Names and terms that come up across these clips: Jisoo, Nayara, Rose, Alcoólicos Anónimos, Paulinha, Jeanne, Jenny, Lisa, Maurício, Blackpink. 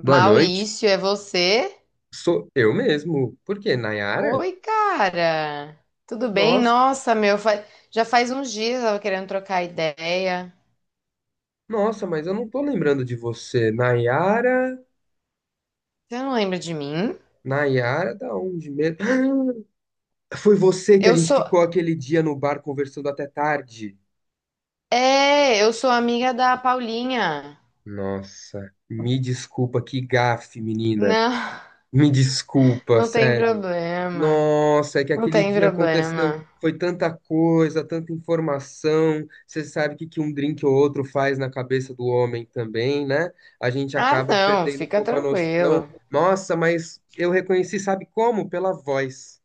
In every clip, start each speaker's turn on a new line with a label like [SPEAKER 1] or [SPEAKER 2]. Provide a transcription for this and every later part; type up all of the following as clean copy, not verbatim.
[SPEAKER 1] Boa noite.
[SPEAKER 2] Maurício, é você?
[SPEAKER 1] Sou eu mesmo. Por quê? Nayara?
[SPEAKER 2] Oi, cara. Tudo bem?
[SPEAKER 1] Nossa,
[SPEAKER 2] Nossa, meu, já faz uns dias eu tava querendo trocar ideia.
[SPEAKER 1] nossa, mas eu não tô lembrando de você. Nayara,
[SPEAKER 2] Você não lembra de mim?
[SPEAKER 1] Nayara, da onde mesmo? Foi você que a
[SPEAKER 2] Eu
[SPEAKER 1] gente
[SPEAKER 2] sou,
[SPEAKER 1] ficou aquele dia no bar conversando até tarde.
[SPEAKER 2] eu sou amiga da Paulinha.
[SPEAKER 1] Nossa, me desculpa, que gafe, menina.
[SPEAKER 2] Não,
[SPEAKER 1] Me desculpa,
[SPEAKER 2] não tem
[SPEAKER 1] sério.
[SPEAKER 2] problema.
[SPEAKER 1] Nossa, é que
[SPEAKER 2] Não
[SPEAKER 1] aquele
[SPEAKER 2] tem
[SPEAKER 1] dia aconteceu,
[SPEAKER 2] problema.
[SPEAKER 1] foi tanta coisa, tanta informação. Você sabe o que que um drink ou outro faz na cabeça do homem também, né? A gente
[SPEAKER 2] Ah,
[SPEAKER 1] acaba
[SPEAKER 2] não,
[SPEAKER 1] perdendo um
[SPEAKER 2] fica
[SPEAKER 1] pouco a noção.
[SPEAKER 2] tranquilo.
[SPEAKER 1] Nossa, mas eu reconheci, sabe como? Pela voz.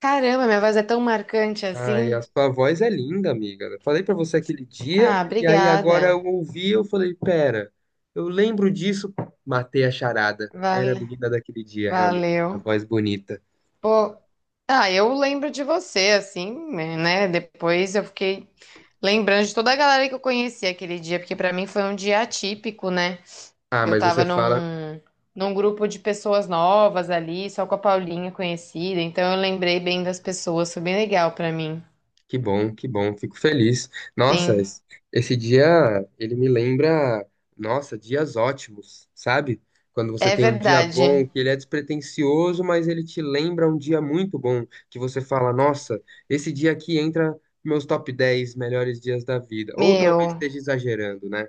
[SPEAKER 2] Caramba, minha voz é tão marcante
[SPEAKER 1] Ai, a
[SPEAKER 2] assim.
[SPEAKER 1] sua voz é linda, amiga. Eu falei pra você aquele dia,
[SPEAKER 2] Ah,
[SPEAKER 1] e aí agora eu
[SPEAKER 2] obrigada.
[SPEAKER 1] ouvi, eu falei, pera, eu lembro disso, matei a charada. Era a
[SPEAKER 2] Vale,
[SPEAKER 1] menina daquele dia, realmente. Uma
[SPEAKER 2] valeu.
[SPEAKER 1] voz bonita.
[SPEAKER 2] Pô, eu lembro de você, assim, né? Depois eu fiquei lembrando de toda a galera que eu conheci aquele dia, porque pra mim foi um dia atípico, né?
[SPEAKER 1] Ah,
[SPEAKER 2] Eu
[SPEAKER 1] mas você
[SPEAKER 2] tava
[SPEAKER 1] fala,
[SPEAKER 2] num, num grupo de pessoas novas ali, só com a Paulinha conhecida, então eu lembrei bem das pessoas, foi bem legal pra mim.
[SPEAKER 1] que bom, fico feliz. Nossa,
[SPEAKER 2] Sim,
[SPEAKER 1] esse dia ele me lembra, nossa, dias ótimos, sabe? Quando você
[SPEAKER 2] é
[SPEAKER 1] tem um dia
[SPEAKER 2] verdade.
[SPEAKER 1] bom, que ele é despretensioso, mas ele te lembra um dia muito bom, que você fala, nossa, esse dia aqui entra meus top 10 melhores dias da vida. Ou talvez
[SPEAKER 2] Meu,
[SPEAKER 1] esteja exagerando, né?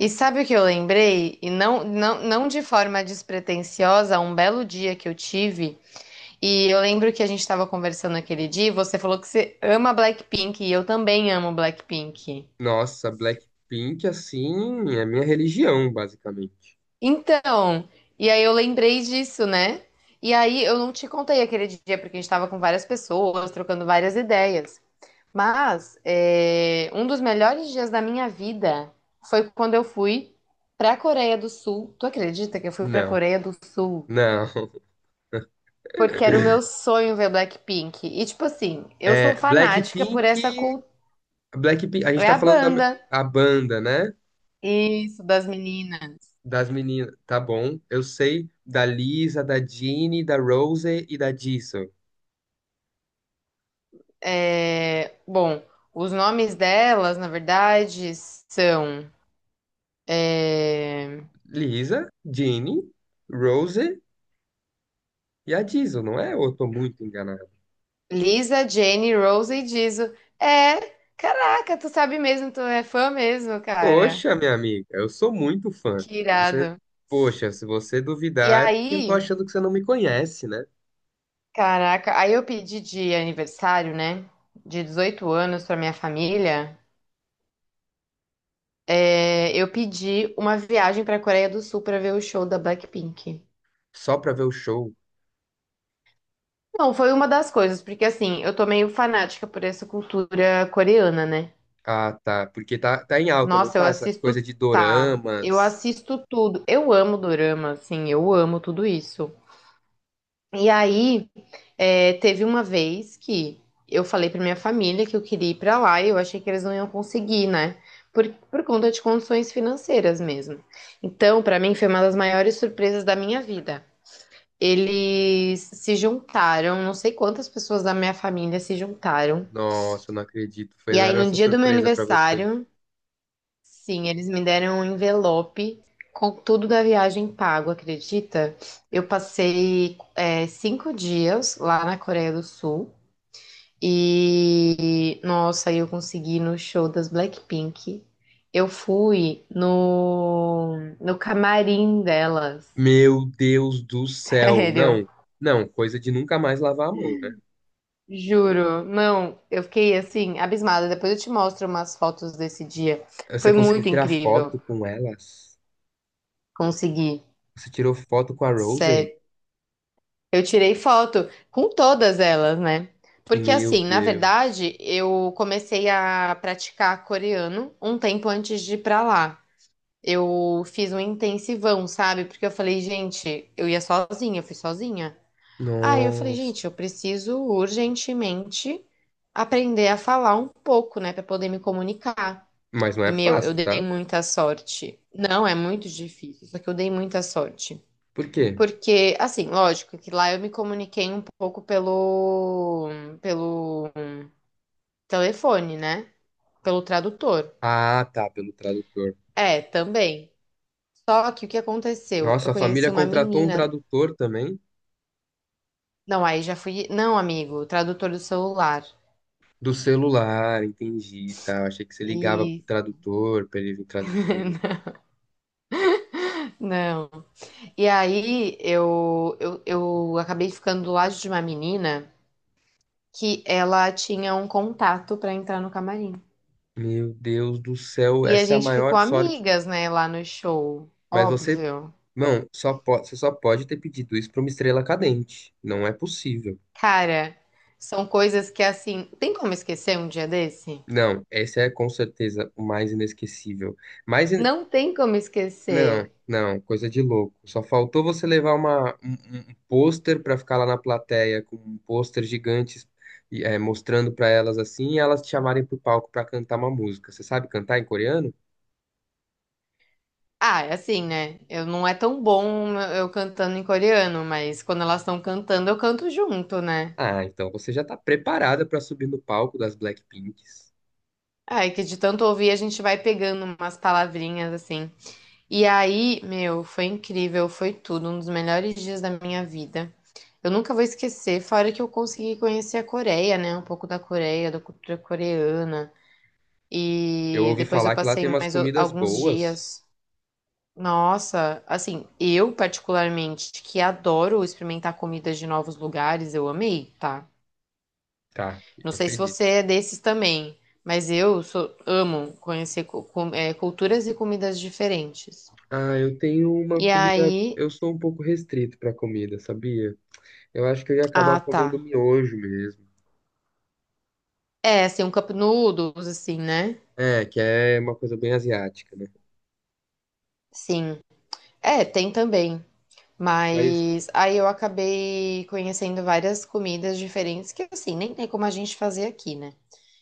[SPEAKER 2] e sabe o que eu lembrei? E não, não, não de forma despretensiosa, um belo dia que eu tive. E eu lembro que a gente estava conversando aquele dia, e você falou que você ama Blackpink e eu também amo Blackpink.
[SPEAKER 1] Nossa, Blackpink, assim, é minha religião, basicamente.
[SPEAKER 2] Então, e aí eu lembrei disso, né? E aí eu não te contei aquele dia porque a gente estava com várias pessoas, trocando várias ideias. Mas um dos melhores dias da minha vida foi quando eu fui para a Coreia do Sul. Tu acredita que eu fui para a
[SPEAKER 1] Não,
[SPEAKER 2] Coreia do Sul?
[SPEAKER 1] não.
[SPEAKER 2] Porque era o meu sonho ver Blackpink. E tipo assim, eu sou
[SPEAKER 1] É,
[SPEAKER 2] fanática
[SPEAKER 1] Blackpink.
[SPEAKER 2] por essa cultura.
[SPEAKER 1] Blackpink, a gente
[SPEAKER 2] É
[SPEAKER 1] tá
[SPEAKER 2] a
[SPEAKER 1] falando da
[SPEAKER 2] banda.
[SPEAKER 1] a banda, né?
[SPEAKER 2] Isso, das meninas.
[SPEAKER 1] Das meninas, tá bom. Eu sei da Lisa, da Jeanne, da Rose e da Jisoo.
[SPEAKER 2] É, bom, os nomes delas, na verdade, são é,
[SPEAKER 1] Lisa, Jeanne, Rose e a Jisoo, não é? Ou eu tô muito enganado?
[SPEAKER 2] Lisa, Jenny, Rose e Jisoo. É, caraca, tu sabe mesmo, tu é fã mesmo, cara.
[SPEAKER 1] Poxa, minha amiga, eu sou muito fã.
[SPEAKER 2] Que
[SPEAKER 1] Você,
[SPEAKER 2] irado.
[SPEAKER 1] poxa, se você
[SPEAKER 2] E
[SPEAKER 1] duvidar é porque eu tô
[SPEAKER 2] aí,
[SPEAKER 1] achando que você não me conhece, né?
[SPEAKER 2] caraca, aí eu pedi de aniversário, né? De 18 anos pra minha família, eu pedi uma viagem pra Coreia do Sul pra ver o show da Blackpink.
[SPEAKER 1] Só pra ver o show.
[SPEAKER 2] Não, foi uma das coisas, porque assim, eu tô meio fanática por essa cultura coreana, né?
[SPEAKER 1] Ah, tá. Porque tá, tá em alta, não
[SPEAKER 2] Nossa, eu
[SPEAKER 1] tá? Essa coisa
[SPEAKER 2] assisto,
[SPEAKER 1] de
[SPEAKER 2] tá, eu
[SPEAKER 1] doramas.
[SPEAKER 2] assisto tudo. Eu amo dorama, assim, eu amo tudo isso. E aí, teve uma vez que eu falei pra minha família que eu queria ir pra lá e eu achei que eles não iam conseguir, né? Por conta de condições financeiras mesmo. Então, pra mim, foi uma das maiores surpresas da minha vida. Eles se juntaram, não sei quantas pessoas da minha família se juntaram.
[SPEAKER 1] Nossa, eu não acredito.
[SPEAKER 2] E aí,
[SPEAKER 1] Fizeram
[SPEAKER 2] no
[SPEAKER 1] essa
[SPEAKER 2] dia do meu
[SPEAKER 1] surpresa pra você.
[SPEAKER 2] aniversário, sim, eles me deram um envelope com tudo da viagem pago, acredita? Eu passei 5 dias lá na Coreia do Sul e, nossa, aí eu consegui ir no show das Blackpink. Eu fui no camarim delas,
[SPEAKER 1] Meu Deus do céu.
[SPEAKER 2] sério.
[SPEAKER 1] Não, não, coisa de nunca mais lavar a mão, né?
[SPEAKER 2] Juro, não, eu fiquei assim, abismada. Depois eu te mostro umas fotos desse dia.
[SPEAKER 1] Você
[SPEAKER 2] Foi
[SPEAKER 1] conseguiu
[SPEAKER 2] muito
[SPEAKER 1] tirar
[SPEAKER 2] incrível
[SPEAKER 1] foto com elas?
[SPEAKER 2] conseguir.
[SPEAKER 1] Você tirou foto com a Rosé?
[SPEAKER 2] Sério. Eu tirei foto com todas elas, né? Porque
[SPEAKER 1] Meu
[SPEAKER 2] assim, na
[SPEAKER 1] Deus.
[SPEAKER 2] verdade, eu comecei a praticar coreano um tempo antes de ir pra lá. Eu fiz um intensivão, sabe? Porque eu falei, gente, eu ia sozinha, eu fui sozinha. Aí eu falei,
[SPEAKER 1] Nossa.
[SPEAKER 2] gente, eu preciso urgentemente aprender a falar um pouco, né, pra poder me comunicar.
[SPEAKER 1] Mas não
[SPEAKER 2] E
[SPEAKER 1] é
[SPEAKER 2] meu, eu
[SPEAKER 1] fácil,
[SPEAKER 2] dei
[SPEAKER 1] tá?
[SPEAKER 2] muita sorte. Não, é muito difícil, só que eu dei muita sorte.
[SPEAKER 1] Por quê?
[SPEAKER 2] Porque, assim, lógico que lá eu me comuniquei um pouco pelo telefone, né? Pelo tradutor.
[SPEAKER 1] Ah, tá, pelo tradutor.
[SPEAKER 2] É, também. Só que o que aconteceu? Eu
[SPEAKER 1] Nossa, a
[SPEAKER 2] conheci
[SPEAKER 1] família
[SPEAKER 2] uma
[SPEAKER 1] contratou um
[SPEAKER 2] menina.
[SPEAKER 1] tradutor também
[SPEAKER 2] Não, aí já fui. Não, amigo, tradutor do celular.
[SPEAKER 1] do celular, entendi, tá? Achei que você ligava pro
[SPEAKER 2] E
[SPEAKER 1] tradutor pra ele vir traduzir.
[SPEAKER 2] não. E aí eu acabei ficando do lado de uma menina que ela tinha um contato pra entrar no camarim.
[SPEAKER 1] Meu Deus do céu,
[SPEAKER 2] E a
[SPEAKER 1] essa é a
[SPEAKER 2] gente ficou
[SPEAKER 1] maior sorte.
[SPEAKER 2] amigas, né, lá no show.
[SPEAKER 1] Mas você,
[SPEAKER 2] Óbvio.
[SPEAKER 1] não, só você só pode ter pedido isso para uma estrela cadente. Não é possível.
[SPEAKER 2] Cara, são coisas que assim, tem como esquecer um dia desse?
[SPEAKER 1] Não, esse é com certeza o mais inesquecível. Mais in-
[SPEAKER 2] Não tem como
[SPEAKER 1] Não,
[SPEAKER 2] esquecer.
[SPEAKER 1] não, coisa de louco. Só faltou você levar uma, um, um pôster para ficar lá na plateia com um pôster gigante e, é, mostrando para elas assim e elas te chamarem pro palco para cantar uma música. Você sabe cantar em coreano?
[SPEAKER 2] Ah, é assim, né? Eu não é tão bom eu cantando em coreano, mas quando elas estão cantando, eu canto junto, né?
[SPEAKER 1] Ah, então você já tá preparada para subir no palco das Blackpinks.
[SPEAKER 2] Ai, que de tanto ouvir a gente vai pegando umas palavrinhas assim. E aí, meu, foi incrível, foi tudo, um dos melhores dias da minha vida. Eu nunca vou esquecer, fora que eu consegui conhecer a Coreia, né? Um pouco da Coreia, da cultura coreana.
[SPEAKER 1] Eu
[SPEAKER 2] E
[SPEAKER 1] ouvi
[SPEAKER 2] depois eu
[SPEAKER 1] falar que lá
[SPEAKER 2] passei
[SPEAKER 1] tem umas comidas
[SPEAKER 2] alguns
[SPEAKER 1] boas.
[SPEAKER 2] dias. Nossa, assim, eu particularmente que adoro experimentar comidas de novos lugares, eu amei, tá?
[SPEAKER 1] Tá,
[SPEAKER 2] Não
[SPEAKER 1] eu
[SPEAKER 2] sei se
[SPEAKER 1] acredito.
[SPEAKER 2] você é desses também, mas amo conhecer culturas e comidas diferentes.
[SPEAKER 1] Ah, eu tenho uma
[SPEAKER 2] E
[SPEAKER 1] comida.
[SPEAKER 2] aí,
[SPEAKER 1] Eu sou um pouco restrito para comida, sabia? Eu acho que eu ia acabar
[SPEAKER 2] ah,
[SPEAKER 1] comendo
[SPEAKER 2] tá.
[SPEAKER 1] miojo mesmo.
[SPEAKER 2] É, assim, um cup noodles, assim, né?
[SPEAKER 1] É, que é uma coisa bem asiática, né?
[SPEAKER 2] Sim. É, tem também.
[SPEAKER 1] Mas
[SPEAKER 2] Mas aí eu acabei conhecendo várias comidas diferentes que, assim, nem tem como a gente fazer aqui, né?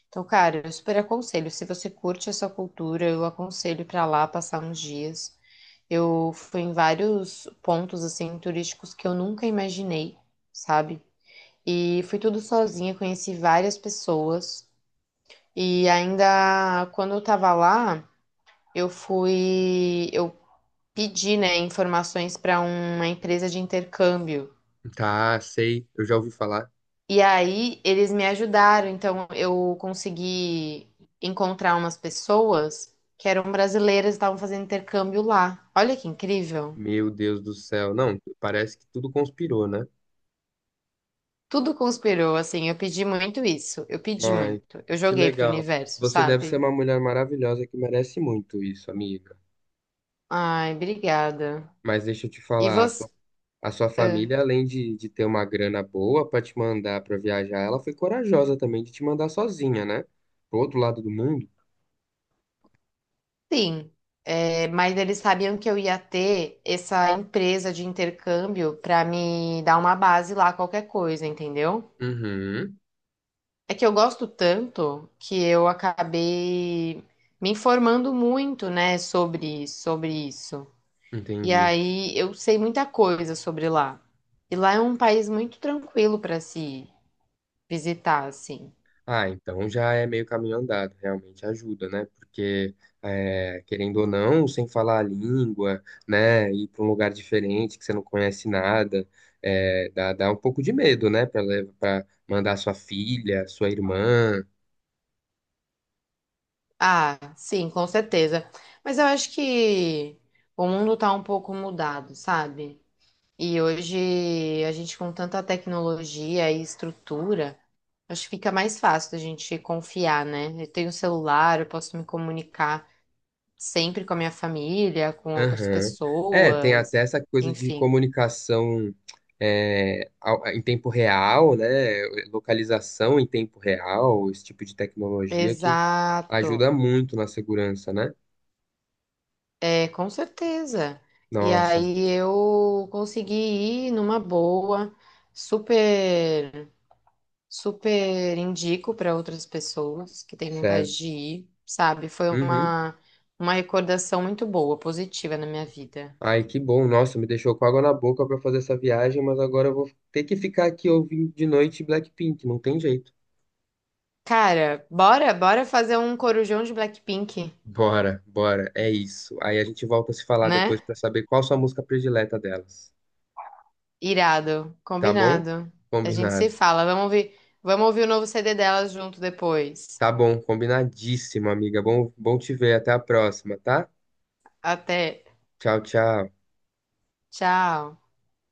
[SPEAKER 2] Então, cara, eu super aconselho. Se você curte essa cultura, eu aconselho pra lá passar uns dias. Eu fui em vários pontos, assim, turísticos que eu nunca imaginei, sabe? E fui tudo sozinha, conheci várias pessoas. E ainda quando eu tava lá, eu fui. Eu pedi, né, informações para uma empresa de intercâmbio.
[SPEAKER 1] tá, sei, eu já ouvi falar.
[SPEAKER 2] E aí eles me ajudaram, então eu consegui encontrar umas pessoas que eram brasileiras e estavam fazendo intercâmbio lá. Olha que incrível.
[SPEAKER 1] Meu Deus do céu. Não, parece que tudo conspirou, né?
[SPEAKER 2] Tudo conspirou, assim, eu pedi muito isso, eu pedi
[SPEAKER 1] Ai,
[SPEAKER 2] muito. Eu
[SPEAKER 1] que
[SPEAKER 2] joguei pro
[SPEAKER 1] legal.
[SPEAKER 2] universo,
[SPEAKER 1] Você deve ser
[SPEAKER 2] sabe?
[SPEAKER 1] uma mulher maravilhosa que merece muito isso, amiga.
[SPEAKER 2] Ai, obrigada.
[SPEAKER 1] Mas deixa eu te
[SPEAKER 2] E
[SPEAKER 1] falar,
[SPEAKER 2] você?
[SPEAKER 1] a sua
[SPEAKER 2] Ah,
[SPEAKER 1] família, além de ter uma grana boa para te mandar para viajar, ela foi corajosa também de te mandar sozinha, né? Pro outro lado do mundo.
[SPEAKER 2] sim. É, mas eles sabiam que eu ia ter essa empresa de intercâmbio para me dar uma base lá, qualquer coisa, entendeu?
[SPEAKER 1] Uhum,
[SPEAKER 2] É que eu gosto tanto que eu acabei me informando muito, né, sobre isso. E
[SPEAKER 1] entendi.
[SPEAKER 2] aí eu sei muita coisa sobre lá. E lá é um país muito tranquilo para se visitar, assim.
[SPEAKER 1] Ah, então já é meio caminho andado, realmente ajuda, né? Porque, é, querendo ou não, sem falar a língua, né? Ir para um lugar diferente que você não conhece nada, é, dá, dá um pouco de medo, né? Para mandar sua filha, sua irmã,
[SPEAKER 2] Ah, sim, com certeza. Mas eu acho que o mundo tá um pouco mudado, sabe? E hoje a gente com tanta tecnologia e estrutura, acho que fica mais fácil da gente confiar, né? Eu tenho um celular, eu posso me comunicar sempre com a minha família, com outras
[SPEAKER 1] aham. É, tem até
[SPEAKER 2] pessoas,
[SPEAKER 1] essa coisa de
[SPEAKER 2] enfim.
[SPEAKER 1] comunicação, é, em tempo real, né? Localização em tempo real, esse tipo de tecnologia que ajuda
[SPEAKER 2] Exato.
[SPEAKER 1] muito na segurança, né?
[SPEAKER 2] É, com certeza. E
[SPEAKER 1] Nossa,
[SPEAKER 2] aí eu consegui ir numa boa, super. Super indico para outras pessoas que têm vontade
[SPEAKER 1] certo.
[SPEAKER 2] de ir, sabe? Foi
[SPEAKER 1] Uhum.
[SPEAKER 2] uma recordação muito boa, positiva na minha vida.
[SPEAKER 1] Ai, que bom. Nossa, me deixou com água na boca para fazer essa viagem, mas agora eu vou ter que ficar aqui ouvindo de noite Blackpink, não tem jeito.
[SPEAKER 2] Cara, bora fazer um corujão de Blackpink,
[SPEAKER 1] Bora, bora, é isso. Aí a gente volta a se falar
[SPEAKER 2] né?
[SPEAKER 1] depois para saber qual sua música predileta delas,
[SPEAKER 2] Irado,
[SPEAKER 1] tá bom?
[SPEAKER 2] combinado. A gente se
[SPEAKER 1] Combinado.
[SPEAKER 2] fala. Vamos ouvir o novo CD delas junto depois.
[SPEAKER 1] Tá bom, combinadíssimo, amiga. Bom, bom te ver. Até a próxima, tá?
[SPEAKER 2] Até.
[SPEAKER 1] Tchau, tchau.
[SPEAKER 2] Tchau.